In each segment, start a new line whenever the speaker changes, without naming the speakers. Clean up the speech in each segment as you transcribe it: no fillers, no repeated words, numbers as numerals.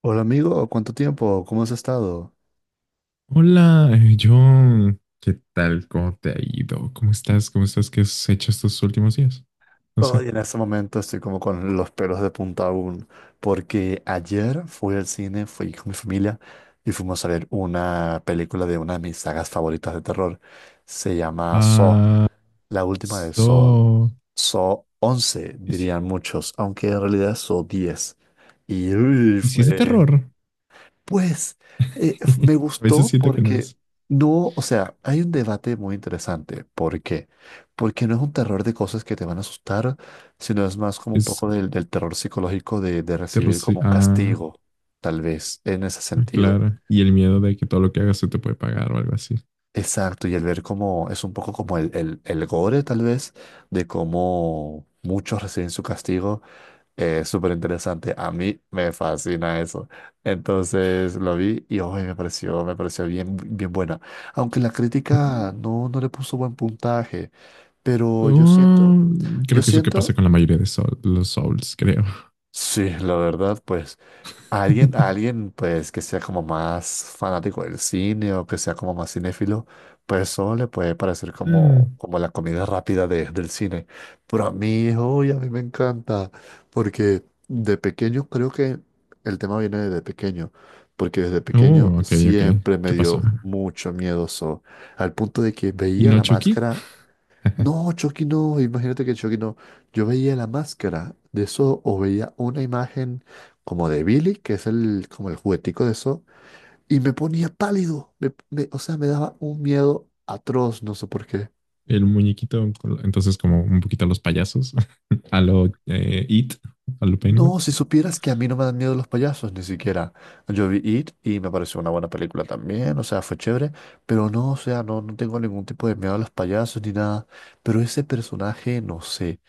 Hola amigo, ¿cuánto tiempo? ¿Cómo has estado?
Hola, John. ¿Qué tal? ¿Cómo te ha ido? ¿Cómo estás? ¿Cómo estás? ¿Qué has hecho estos últimos días? No sé.
Hoy en este momento estoy como con los pelos de punta aún, porque ayer fui al cine, fui con mi familia y fuimos a ver una película de una de mis sagas favoritas de terror. Se llama Saw,
Ah,
la última de Saw.
so...
Saw once
hici-
dirían muchos, aunque en realidad es Saw diez. Y uy,
¿Hiciste
fue
terror?
Pues f- me
A veces
gustó
siento que no
porque
es.
no. O sea, hay un debate muy interesante. ¿Por qué? Porque no es un terror de cosas que te van a asustar, sino es más como un
Es
poco del terror psicológico de
terror.
recibir
Sí.
como un
Ah,
castigo, tal vez, en ese
ah,
sentido.
claro. Y el miedo de que todo lo que hagas se te puede pagar o algo así.
Exacto, y el ver cómo es un poco como el gore, tal vez, de cómo muchos reciben su castigo. Es súper interesante. A mí me fascina eso. Entonces lo vi y hoy me pareció bien, bien buena. Aunque la
Mm.
crítica no, no le puso buen puntaje. Pero yo siento,
Oh,
yo
creo que eso que pasa
siento,
con la mayoría de los Souls, creo.
sí, la verdad, pues A alguien, a alguien, pues, que sea como más fanático del cine o que sea como más cinéfilo, pues eso le puede parecer como,
Mm.
como la comida rápida del cine. Pero a mí, uy, a mí me encanta, porque de pequeño creo que el tema viene desde pequeño, porque desde pequeño
Oh, ok, ok.
siempre me
¿Qué pasó?
dio mucho miedo eso, al punto de que
¿Y
veía
no
la
Chucky?
máscara. No, Chucky no, imagínate que Chucky no. Yo veía la máscara de eso o veía una imagen como de Billy, que es como el juguetico de eso, y me ponía pálido. O sea, me daba un miedo atroz, no sé por qué.
El muñequito, entonces como un poquito a los payasos, a lo It, a lo
No,
Pennywise,
si supieras que a mí no me dan miedo los payasos, ni siquiera. Yo vi It y me pareció una buena película también, o sea, fue chévere, pero no, o sea, no, no tengo ningún tipo de miedo a los payasos ni nada. Pero ese personaje, no sé.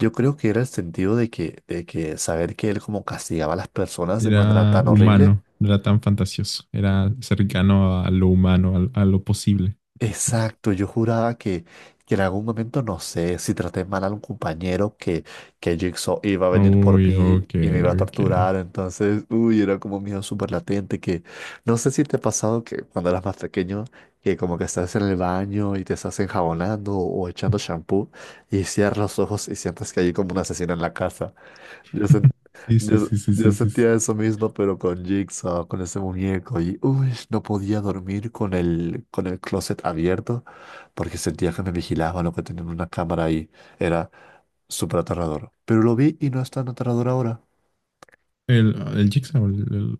Yo creo que era el sentido de que saber que él como castigaba a las personas de manera
era
tan horrible.
humano, no era tan fantasioso, era cercano a lo humano, a lo posible.
Exacto, yo juraba que en algún momento, no sé, si traté mal a un compañero, que Jigsaw iba a venir por
Uy,
mí
ok,
y me iba a
ok.
torturar. Entonces, uy, era como un miedo súper latente, que no sé si te ha pasado que cuando eras más pequeño, que como que estás en el baño y te estás enjabonando o echando shampoo y cierras los ojos y sientes que hay como un asesino en la casa. Yo, sen-
Sí, sí,
yo,
sí, sí,
yo
sí, sí, sí.
sentía eso mismo, pero con Jigsaw, con ese muñeco, y uy, no podía dormir con el closet abierto porque sentía que me vigilaban o que tenían una cámara ahí. Era súper aterrador. Pero lo vi y no es tan aterrador ahora.
El Jigsaw,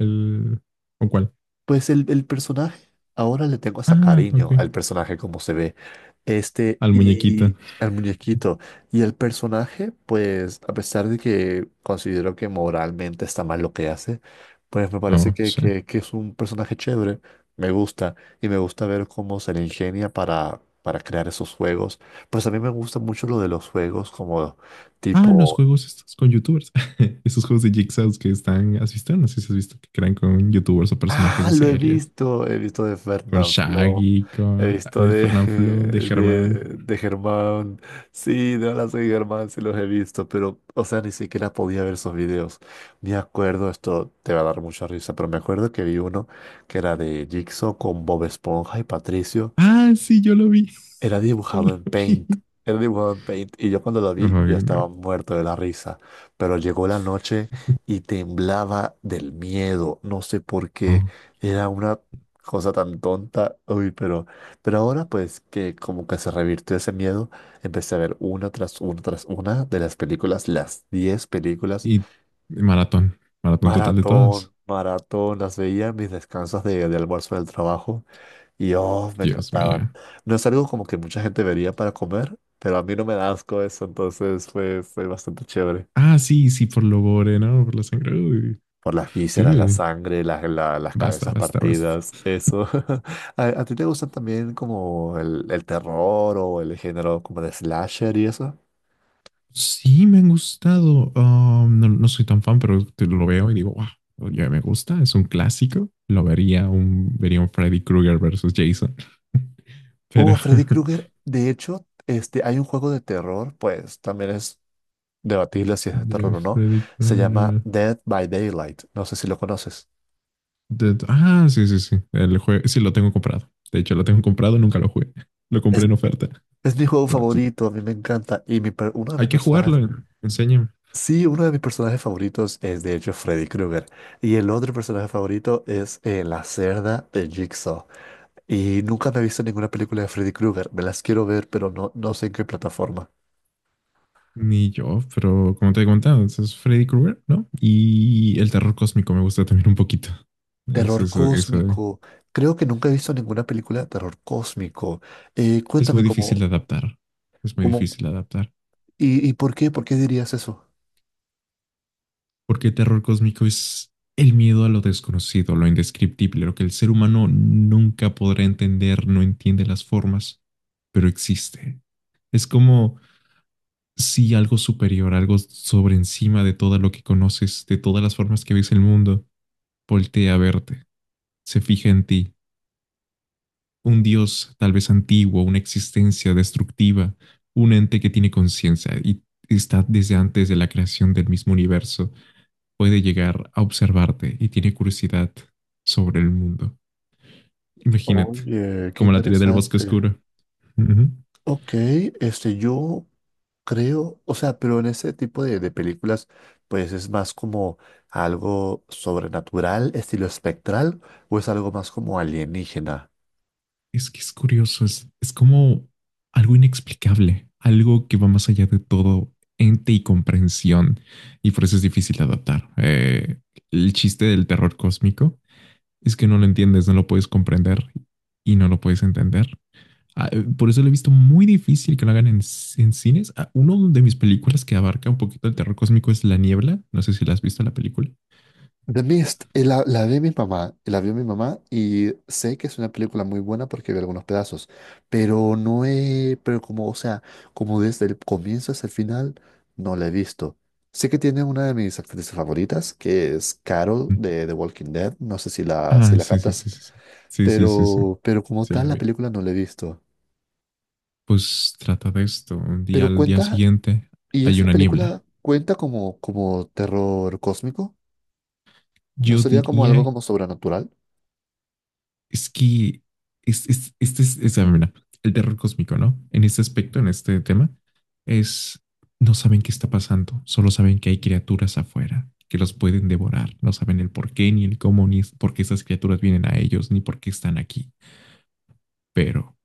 el- ¿O cuál?
Pues el personaje, ahora le tengo hasta
Ah, ok.
cariño al personaje como se ve, este
Al muñequito.
y al muñequito. Y el personaje, pues a pesar de que considero que moralmente está mal lo que hace, pues me parece
Oh,
que,
sí.
que, que es un personaje chévere, me gusta y me gusta ver cómo se le ingenia para crear esos juegos. Pues a mí me gusta mucho lo de los juegos como
Ah, los
tipo.
juegos estos con youtubers. Esos juegos de Jigsaws que están, ¿has visto? No sé si has visto que crean con youtubers o personajes
Ah,
de
lo he
series.
visto. He visto de
Con
Fernanfloo.
Shaggy,
He
con
visto
de Fernán, de Germán.
de Germán. Sí, de Hola soy Germán, sí los he visto, pero, o sea, ni siquiera podía ver esos videos. Me acuerdo, esto te va a dar mucha risa, pero me acuerdo que vi uno que era de Jigsaw con Bob Esponja y Patricio.
Ah, sí, yo lo vi,
Era
yo lo
dibujado en
vi.
Paint. Era dibujado en Paint. Y yo cuando lo vi ya
Ay,
estaba
no.
muerto de la risa. Pero llegó la noche y temblaba del miedo. No sé por qué.
Ok.
Era una cosa tan tonta. Uy, pero ahora pues que como que se revirtió ese miedo, empecé a ver una tras una tras una de las películas, las 10 películas.
Y maratón, maratón total de todas.
Maratón, maratón. Las veía en mis descansos de almuerzo del trabajo. Y oh, me
Dios
encantaban.
mío.
No es algo como que mucha gente vería para comer, pero a mí no me da asco eso, entonces fue bastante chévere.
Ah, sí, sí, por lo gore, ¿no? Por la sangre. Uy,
Por las vísceras, la
dude.
sangre, las
Basta,
cabezas
basta, basta.
partidas, eso. ¿A ti te gustan también como el terror o el género como de slasher y eso?
Sí, me han gustado. No, no soy tan fan, pero te lo veo y digo, wow, ya me gusta, es un clásico. Lo vería un Freddy Krueger versus Jason, pero
Freddy Krueger, de hecho, hay un juego de terror, pues también es debatible si es de terror o no.
Freddy
Se llama
Krueger.
Dead by Daylight. No sé si lo conoces.
Ah, sí, sí, sí. El juego, sí, lo tengo comprado. De hecho, lo tengo comprado, nunca lo jugué. Lo compré
Es,
en oferta.
Es mi juego
Pero sí,
favorito, a mí me encanta. Y uno de
hay
mis
que
personajes,
jugarlo, enséñame.
sí, uno de mis personajes favoritos es de hecho Freddy Krueger. Y el otro personaje favorito es la cerda de Jigsaw. Y nunca me he visto ninguna película de Freddy Krueger. Me las quiero ver, pero no, no sé en qué plataforma.
Ni yo, pero como te he contado, ese es Freddy Krueger, ¿no? Y el terror cósmico me gusta también un poquito. Es
Terror
eso, eso.
cósmico. Creo que nunca he visto ninguna película de terror cósmico.
Es
Cuéntame
muy difícil
cómo,
de adaptar. Es muy
cómo
difícil de adaptar.
y por qué dirías eso.
Porque el terror cósmico es el miedo a lo desconocido, lo indescriptible, lo que el ser humano nunca podrá entender, no entiende las formas, pero existe. Es como sí algo superior, algo sobre encima de todo lo que conoces, de todas las formas que ves el mundo, voltea a verte, se fija en ti, un dios tal vez antiguo, una existencia destructiva, un ente que tiene conciencia y está desde antes de la creación del mismo universo, puede llegar a observarte y tiene curiosidad sobre el mundo. Imagínate,
Oye, qué
como la teoría del bosque
interesante.
oscuro. Ujú.
Ok, yo creo, o sea, pero en ese tipo de películas, pues es más como algo sobrenatural, estilo espectral, o es algo más como alienígena.
Es que es curioso, es- como algo inexplicable, algo que va más allá de todo ente y comprensión, y por eso es difícil de adaptar. El chiste del terror cósmico es que no lo entiendes, no lo puedes comprender y no lo puedes entender. Ah, Por eso lo he visto muy difícil que lo hagan en cines. Ah, Uno de mis películas que abarca un poquito el terror cósmico es La Niebla. No sé si la has visto la película.
The Mist, la vi mi mamá, la vio mi mamá y sé que es una película muy buena porque vi algunos pedazos, pero no he, pero como, o sea, como desde el comienzo hasta el final, no la he visto. Sé que tiene una de mis actrices favoritas, que es Carol de The Walking Dead, no sé si la, si
Ah,
la
sí, sí,
captas.
sí, sí. Sí, sí, sí, sí. Sí,
Pero como
sí
tal,
la
la
vi.
película no la he visto.
Pues trata de esto. Un día
Pero
al día
cuenta,
siguiente
¿y
hay
esa
una
película
niebla.
cuenta como, como terror cósmico? ¿No
Yo
sería como algo
diría,
como sobrenatural?
es que es, este es, ah, mira, el terror cósmico, ¿no? En este aspecto, en este tema, es no saben qué está pasando, solo saben que hay criaturas afuera que los pueden devorar. No saben el por qué, ni el cómo, ni es- por qué esas criaturas vienen a ellos, ni por qué están aquí. Pero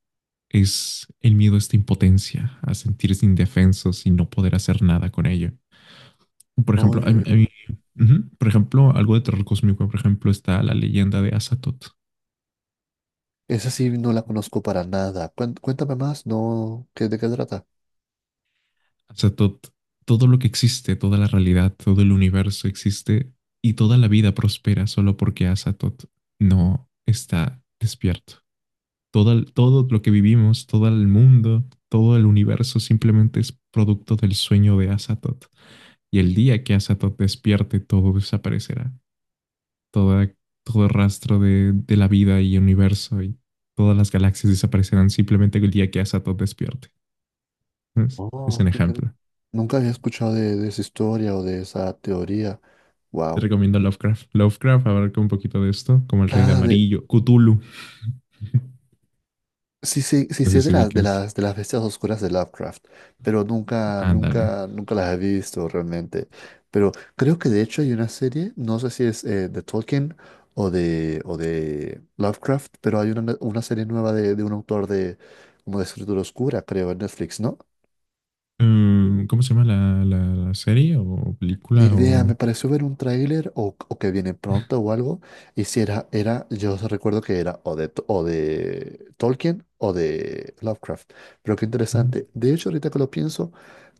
es el miedo a esta impotencia, a sentirse indefensos y no poder hacer nada con ello. Por ejemplo,
Oye,
ujú, por ejemplo, algo de terror cósmico, por ejemplo, está la leyenda de Azathoth.
esa sí no la conozco para nada. Cuéntame más, ¿no? ¿De qué trata?
Azathoth, todo lo que existe, toda la realidad, todo el universo existe y toda la vida prospera solo porque Azathoth no está despierto. Todo, todo lo que vivimos, todo el mundo, todo el universo simplemente es producto del sueño de Azathoth. Y el día que Azathoth despierte, todo desaparecerá. Toda, todo rastro de la vida y universo y todas las galaxias desaparecerán simplemente el día que Asato despierte. ¿Ves? Es
Oh,
un
qué interesante.
ejemplo.
Nunca había escuchado de esa historia o de esa teoría.
Te
Wow.
recomiendo Lovecraft. Lovecraft abarca un poquito de esto, como el Rey de
ah de
Amarillo, Cthulhu.
Sí, sí, sí,
No sé
sé de
si
las, de
ubiques.
las, de las bestias oscuras de Lovecraft, pero nunca,
Ándale.
nunca, nunca las he visto realmente. Pero creo que de hecho hay una serie, no sé si es de Tolkien o de Lovecraft, pero hay una serie nueva de un autor de, como de escritura oscura, creo, en Netflix, ¿no?
Mm, ¿cómo se llama la, la serie o
Ni
película?
idea, me
O...
pareció ver un tráiler o que viene pronto o algo. Y si era, yo recuerdo que era o de Tolkien o de Lovecraft. Pero qué
Mm.
interesante. De hecho, ahorita que lo pienso,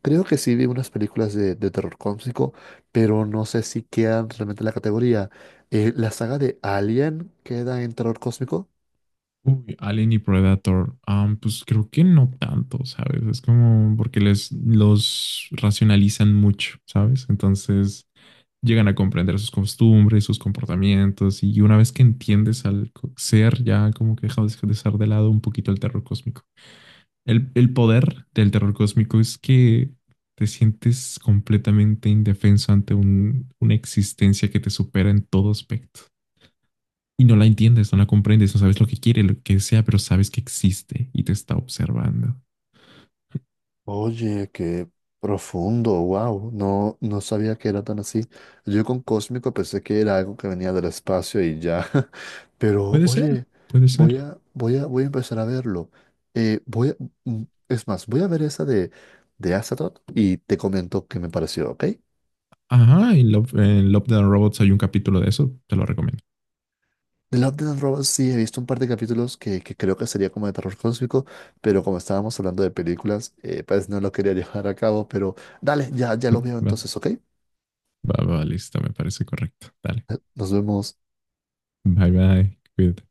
creo que sí vi unas películas de terror cósmico, pero no sé si quedan realmente en la categoría. La saga de Alien queda en terror cósmico.
Uy, Alien y Predator. Pues creo que no tanto, ¿sabes? Es como porque les los racionalizan mucho, ¿sabes? Entonces llegan a comprender sus costumbres, sus comportamientos, y una vez que entiendes al ser, ya como que deja de ser de lado un poquito el terror cósmico. El poder del terror cósmico es que te sientes completamente indefenso ante una existencia que te supera en todo aspecto. Y no la entiendes, no la comprendes, no sabes lo que quiere, lo que sea, pero sabes que existe y te está observando.
Oye, qué profundo, wow, no, no sabía que era tan así. Yo con Cósmico pensé que era algo que venía del espacio y ya, pero
Puede ser,
oye,
puede ser.
voy a empezar a verlo. Eh, voy a- es más, voy a ver esa de Astaroth y te comento qué me pareció, ¿ok?
Ajá, en Love, the Robots hay un capítulo de eso, te lo recomiendo.
The Love, Death and Robots sí he visto un par de capítulos que creo que sería como de terror cósmico, pero como estábamos hablando de películas, pues no lo quería llevar a cabo, pero dale, ya, ya lo veo entonces, ¿ok?
Va, va, va, listo, me parece correcto. Dale,
Nos vemos.
bye, bye, cuídate.